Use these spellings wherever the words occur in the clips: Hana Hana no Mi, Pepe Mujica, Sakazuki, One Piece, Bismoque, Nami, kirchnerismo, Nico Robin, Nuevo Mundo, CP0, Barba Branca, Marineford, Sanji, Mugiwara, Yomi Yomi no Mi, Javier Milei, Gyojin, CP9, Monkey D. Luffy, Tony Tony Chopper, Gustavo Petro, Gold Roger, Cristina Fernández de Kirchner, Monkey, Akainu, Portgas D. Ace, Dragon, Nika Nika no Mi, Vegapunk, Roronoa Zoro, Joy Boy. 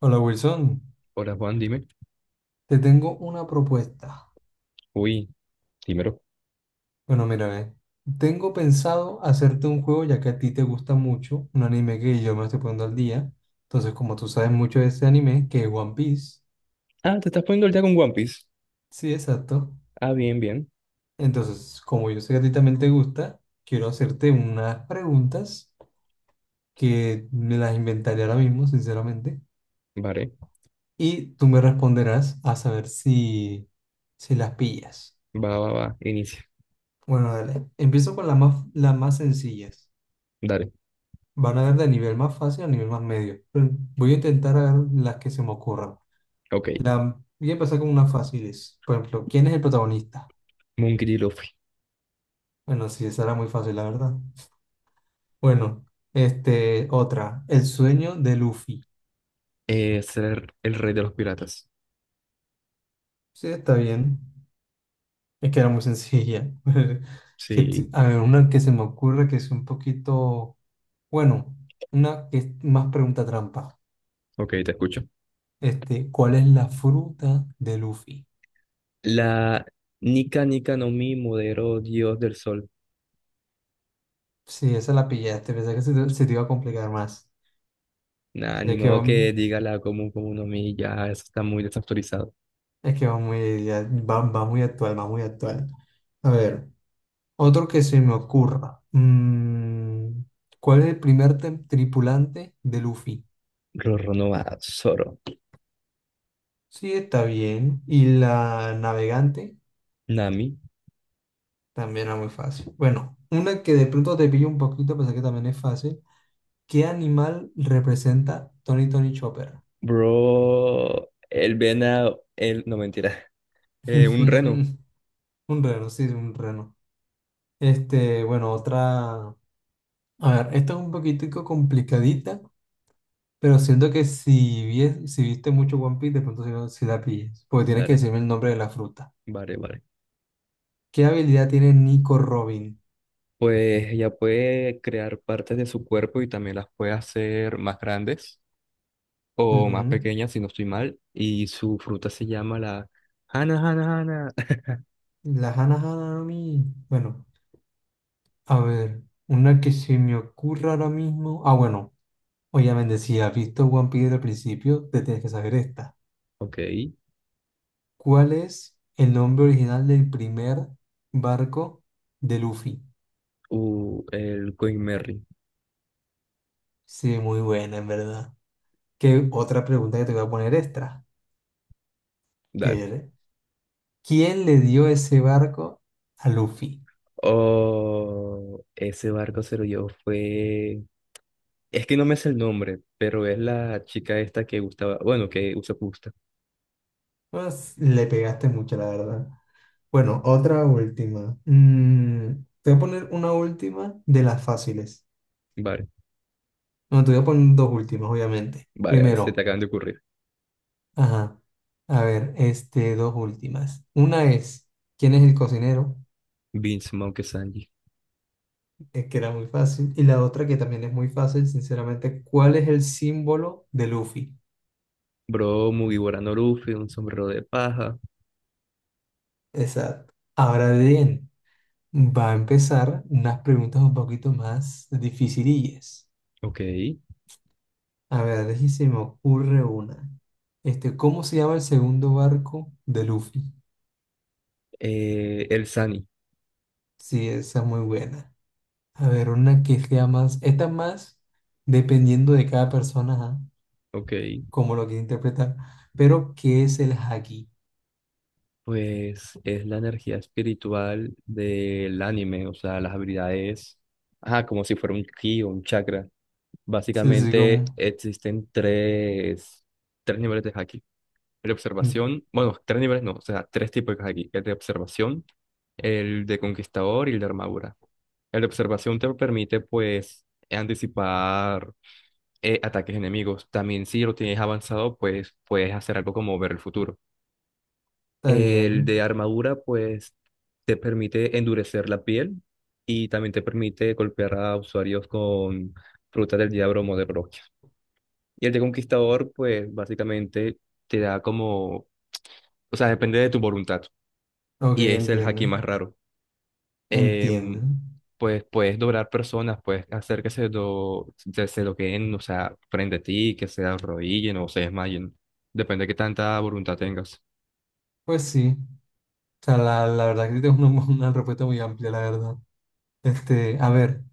Hola Wilson, Hola Juan, dime. te tengo una propuesta. Uy, dímelo. Bueno, mira, ve, tengo pensado hacerte un juego ya que a ti te gusta mucho, un anime que yo me estoy poniendo al día. Entonces, como tú sabes mucho de ese anime, que es One Piece. Ah, te estás poniendo el día con One Piece. Sí, exacto. Ah, bien, bien. Entonces, como yo sé que a ti también te gusta, quiero hacerte unas preguntas que me las inventaré ahora mismo, sinceramente. Vale. Y tú me responderás a saber si las pillas. Va, va, va. Inicia. Bueno, dale. Empiezo con las más sencillas. Dale. Van a ver de nivel más fácil a nivel más medio. Pero voy a intentar agarrar las que se me ocurran. Ok. Voy a empezar con unas fáciles. Por ejemplo, ¿quién es el protagonista? Monkey D. Luffy. Bueno, sí, esa era muy fácil, la verdad. Bueno, otra. El sueño de Luffy. Ser el rey de los piratas. Sí, está bien. Es que era muy sencilla. Sí. A ver, una que se me ocurre que es un poquito, bueno, una que es más pregunta trampa. Ok, te escucho. ¿Cuál es la fruta de Luffy? La Nika Nika no Mi Modero Dios del Sol. Sí, esa la pillaste, pensé que se te iba a complicar más. Nah, Es ni que va, modo que diga la común común no Mi. Ya, eso está muy desactualizado. es que va muy, ya- Va, va muy actual, va muy actual. A ver, otro que se me ocurra. ¿Cuál es el primer tripulante de Luffy? Roronoa Zoro. Sí, está bien. Y la navegante Nami. también era muy fácil. Bueno, una que de pronto te pillo un poquito, pensé que también es fácil. ¿Qué animal representa Tony Tony Chopper? Bro. El venado. No, mentira. Un reno. Un reno, sí, un reno. Bueno, otra. A ver, esta es un poquitico complicadita. Pero siento que si viste mucho One Piece, de pronto si la pilles. Porque tienes que Vale. decirme el nombre de la fruta. Vale, vale. ¿Qué habilidad tiene Nico Robin? Pues ella puede crear partes de su cuerpo y también las puede hacer más grandes o más Ujú. pequeñas, si no estoy mal. Y su fruta se llama la Hana Hana. La Hana Hana no Mi. Bueno, a ver. Una que se me ocurra ahora mismo. Ah, bueno. Obviamente, si has visto One Piece desde el principio, te tienes que saber esta. Ok. ¿Cuál es el nombre original del primer barco de Luffy? El Queen Mary. Sí, muy buena, en verdad. ¿Qué otra pregunta que te voy a poner extra? ¿Qué Dale. eres? ¿Quién le dio ese barco a Luffy? Oh, ese barco se lo llevó fue. Es que no me sé el nombre, pero es la chica esta que gustaba. Bueno, que usa pusta. Pues, le pegaste mucho, la verdad. Bueno, otra última. Te voy a poner una última de las fáciles. Vale, No, te voy a poner dos últimas, obviamente. vale, vale, se te Primero, acaban de ocurrir. ajá. A ver, dos últimas. Una es, ¿quién es el cocinero? Vince Monkey Sanji. Es que era muy fácil. Y la otra que también es muy fácil, sinceramente, ¿cuál es el símbolo de Luffy? Bro, Mugiwara no Luffy, un sombrero de paja. Exacto. Ahora bien. Va a empezar unas preguntas un poquito más dificilillas. Ok. A ver, deje se me ocurre una. ¿Cómo se llama el segundo barco de Luffy? El Sani, Sí, esa es muy buena. A ver, una que sea más, esta es más dependiendo de cada persona, ajá, ok, cómo lo quiere interpretar. Pero, ¿qué es el haki? pues es la energía espiritual del anime, o sea, las habilidades, ajá, como si fuera un ki o un chakra. Sí, sí, sí, Básicamente existen tres niveles de haki. El de mm, observación, bueno, tres niveles no, o sea, tres tipos de haki. El de observación, el de conquistador y el de armadura. El de observación te permite, pues, anticipar ataques enemigos. También si lo tienes avanzado, pues puedes hacer algo como ver el futuro. está El de bien. armadura, pues, te permite endurecer la piel y también te permite golpear a usuarios con frutas del diablo o de Broquia. Y el de conquistador, pues, básicamente te da como, o sea, depende de tu voluntad. Ok, Y es el haki entiendo. más raro. Entiendo. Em, pues puedes doblar personas, puedes hacer que se, do, se se doqueen, o sea, frente a ti, que se arrodillen o se desmayen. Depende de qué tanta voluntad tengas. Pues sí. O sea, la verdad que es una respuesta muy amplia, la verdad. A ver,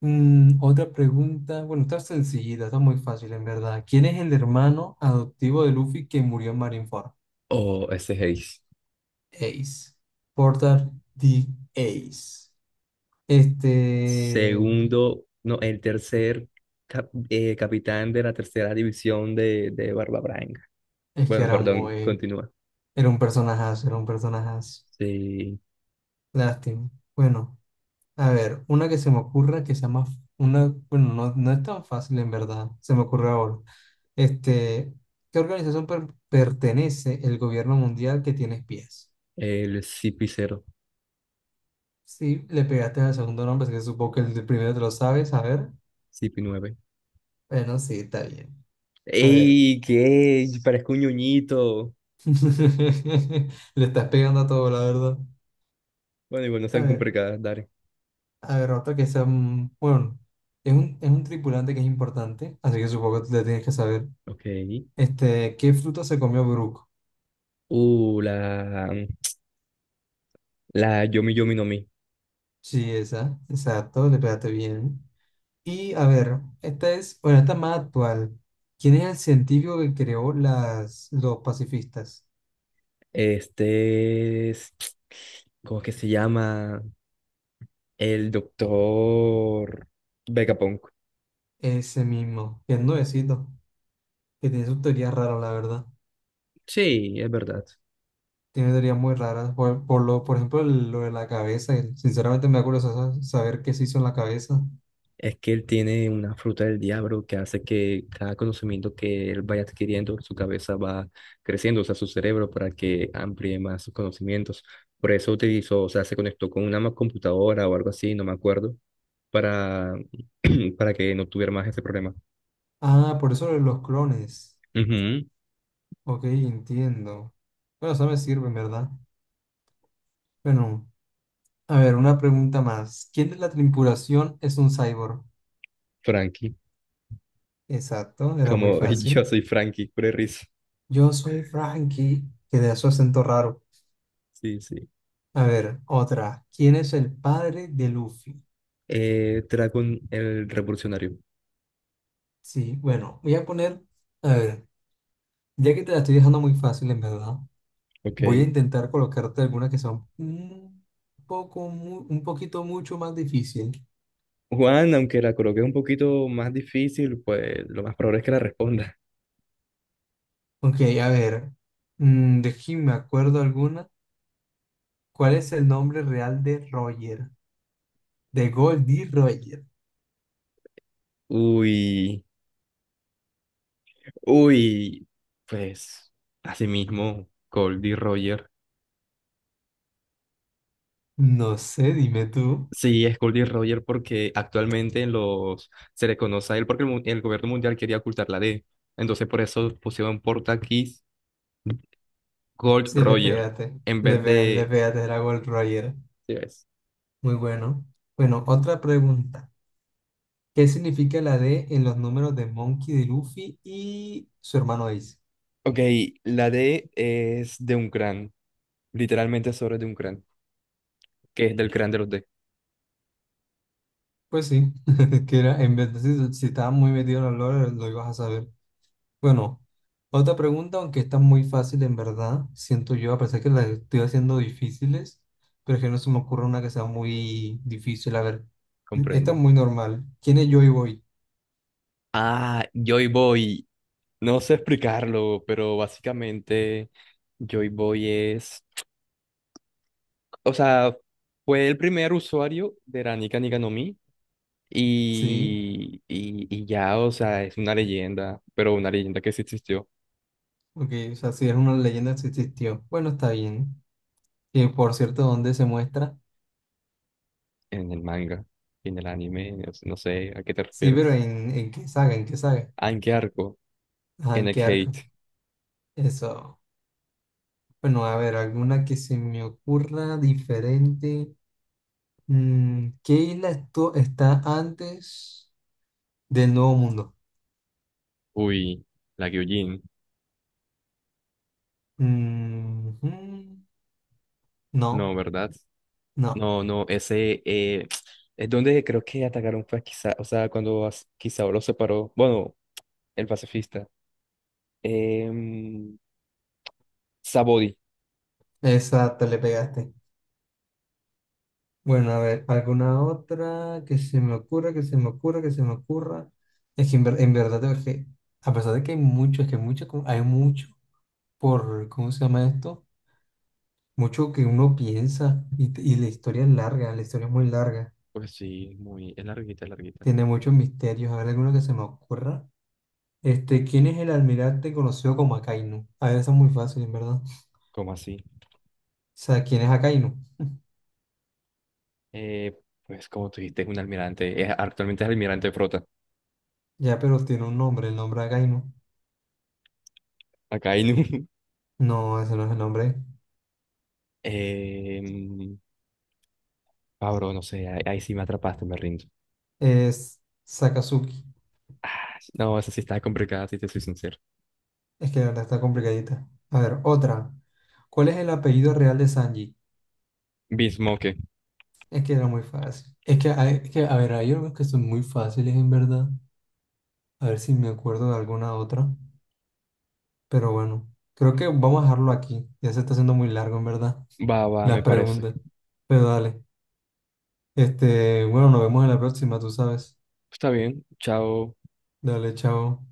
otra pregunta. Bueno, está sencillita, está muy fácil en verdad. ¿Quién es el hermano adoptivo de Luffy que murió en Marineford? O ese Haze. Ace. Porter D. Ace. Este, Segundo, no, el tercer capitán de la tercera división de Barba Branca. es que Bueno, era perdón, muy, continúa. era un personajazo, era un personajazo. Sí, Lástima. Bueno, a ver, una que se me ocurra que sea más, una, bueno, no, no es tan fácil en verdad, se me ocurre ahora. Este, ¿Qué organización pertenece el gobierno mundial que tiene espías? el CP0, Sí, le pegaste al segundo nombre, así que supongo que el de primero te lo sabes. A ver. CP9. Bueno, sí, está bien. A ver. ¡Ey! ¿Qué? Parezco un ñoñito. Le estás pegando a todo, la verdad. Bueno, igual no A sean ver. complicadas, dale. A ver, otro que sea. Bueno, es un tripulante que es importante, así que supongo que le tienes que saber. Ok. ¿Qué fruta se comió Brook? Uh, la, la Yomi Yomi no Mi. Sí, esa. Exacto, le pegaste bien. Y a ver, esta es. Bueno, esta es más actual. ¿Quién es el científico que creó los pacifistas? Este es, ¿cómo que se llama? El doctor Vegapunk. Ese mismo, que es nuevecito. Que tiene sus teorías raras, la verdad. Sí, es verdad. Tiene teorías muy raras. Por ejemplo, lo de la cabeza. Sinceramente me da curiosidad saber qué se hizo en la cabeza. Es que él tiene una fruta del diablo que hace que cada conocimiento que él vaya adquiriendo, su cabeza va creciendo, o sea, su cerebro para que amplíe más sus conocimientos. Por eso utilizó, o sea, se conectó con una computadora o algo así, no me acuerdo, para, para que no tuviera más ese problema. Ah, por eso lo de los clones. Ujú. Ok, entiendo. Bueno, eso me sirve, ¿verdad? Bueno, a ver, una pregunta más. ¿Quién de la tripulación es un cyborg? Frankie, Exacto, era muy como yo fácil. soy Frankie, pura risa. Yo soy Frankie, que de su acento raro. Sí, sí. A ver, otra. ¿Quién es el padre de Luffy? Dragon, el revolucionario. Sí, bueno, voy a poner... A ver. Ya que te la estoy dejando muy fácil, en verdad, Ok. voy a intentar colocarte algunas que son un un poquito mucho más difícil. Juan, aunque la coloque un poquito más difícil, pues lo más probable es que la responda. Ok, a ver, de aquí me acuerdo alguna. ¿Cuál es el nombre real de Roger? De Goldie Roger. Uy, uy, pues así mismo, Goldie Roger. No sé, dime tú. Sí, es Goldie Roger porque actualmente en los se le conoce a él porque el gobierno mundial quería ocultar la D. Entonces por eso pusieron portaquis Gold Sí, le Roger pegaste. en Le vez pegaste, le de... pegaste, era Gold Roger. ¿sí ves? Muy bueno. Bueno, otra pregunta. ¿Qué significa la D en los números de Monkey, de Luffy y su hermano Ace? Ok, la D es de un crán, literalmente sobre de un crán, que es del crán de los D, Pues sí, que era, en vez de si estabas muy metido en los lore, lo ibas a saber. Bueno, otra pregunta, aunque está muy fácil en verdad, siento yo, a pesar que las estoy haciendo difíciles, pero es que no se me ocurre una que sea muy difícil. A ver, esta es comprendo. muy normal. ¿Quién es Joy Boy? Ah, Joy Boy. No sé explicarlo, pero básicamente Joy Boy es, o sea, fue el primer usuario de la Nika no Mi Sí, y ya, o sea, es una leyenda, pero una leyenda que sí existió ok, o sea, si es una leyenda que existió. Bueno, está bien. Y por cierto, ¿dónde se muestra? en el manga, en el anime, o sea, no sé a qué te Sí, pero refieres. En qué saga? ¿En qué saga? ¿Ah, en qué arco? Ajá, En ¿en el qué arco? Hate. Eso. Bueno, a ver, alguna que se me ocurra diferente. ¿Qué isla está antes del Nuevo Mundo? Uy, la Gyojin. Mm, mm, no, No, ¿verdad? no. No, no, ese es donde creo que atacaron fue quizá, o sea, cuando quizá lo separó, bueno, el pacifista. em, Sabodi. Esa te le pegaste. Bueno, a ver, alguna otra que se me ocurra. Es que en, ver- En verdad, a pesar de que hay mucho, es que mucho, hay mucho por, ¿cómo se llama esto? Mucho que uno piensa y la historia es larga, la historia es muy larga. Pues sí, muy, es larguita, es larguita. Tiene muchos misterios. A ver, alguno que se me ocurra. ¿Quién es el almirante conocido como Akainu? A ver, eso es muy fácil, en verdad. O ¿Cómo así? sea, ¿quién es Akainu? Eh, pues como tú dijiste, es un almirante, actualmente es almirante de flota. Ya, pero tiene un nombre, el nombre Akainu. Acá hay un... No, ese no es el nombre. em, Pablo, no sé, ahí, ahí sí me atrapaste, me rindo. Es Sakazuki. No, esa sí está complicada, si te soy sincero. Es que la verdad está complicadita. A ver, otra. ¿Cuál es el apellido real de Sanji? Bismoque. Es que era muy fácil. Es que, a ver, hay unos que son muy fáciles, en verdad. A ver si me acuerdo de alguna otra. Pero bueno, creo que vamos a dejarlo aquí. Ya se está haciendo muy largo, en verdad. Va, va, Las me parece. preguntas. Pero dale. Bueno, nos vemos en la próxima, tú sabes. Está bien, chao. Dale, chao.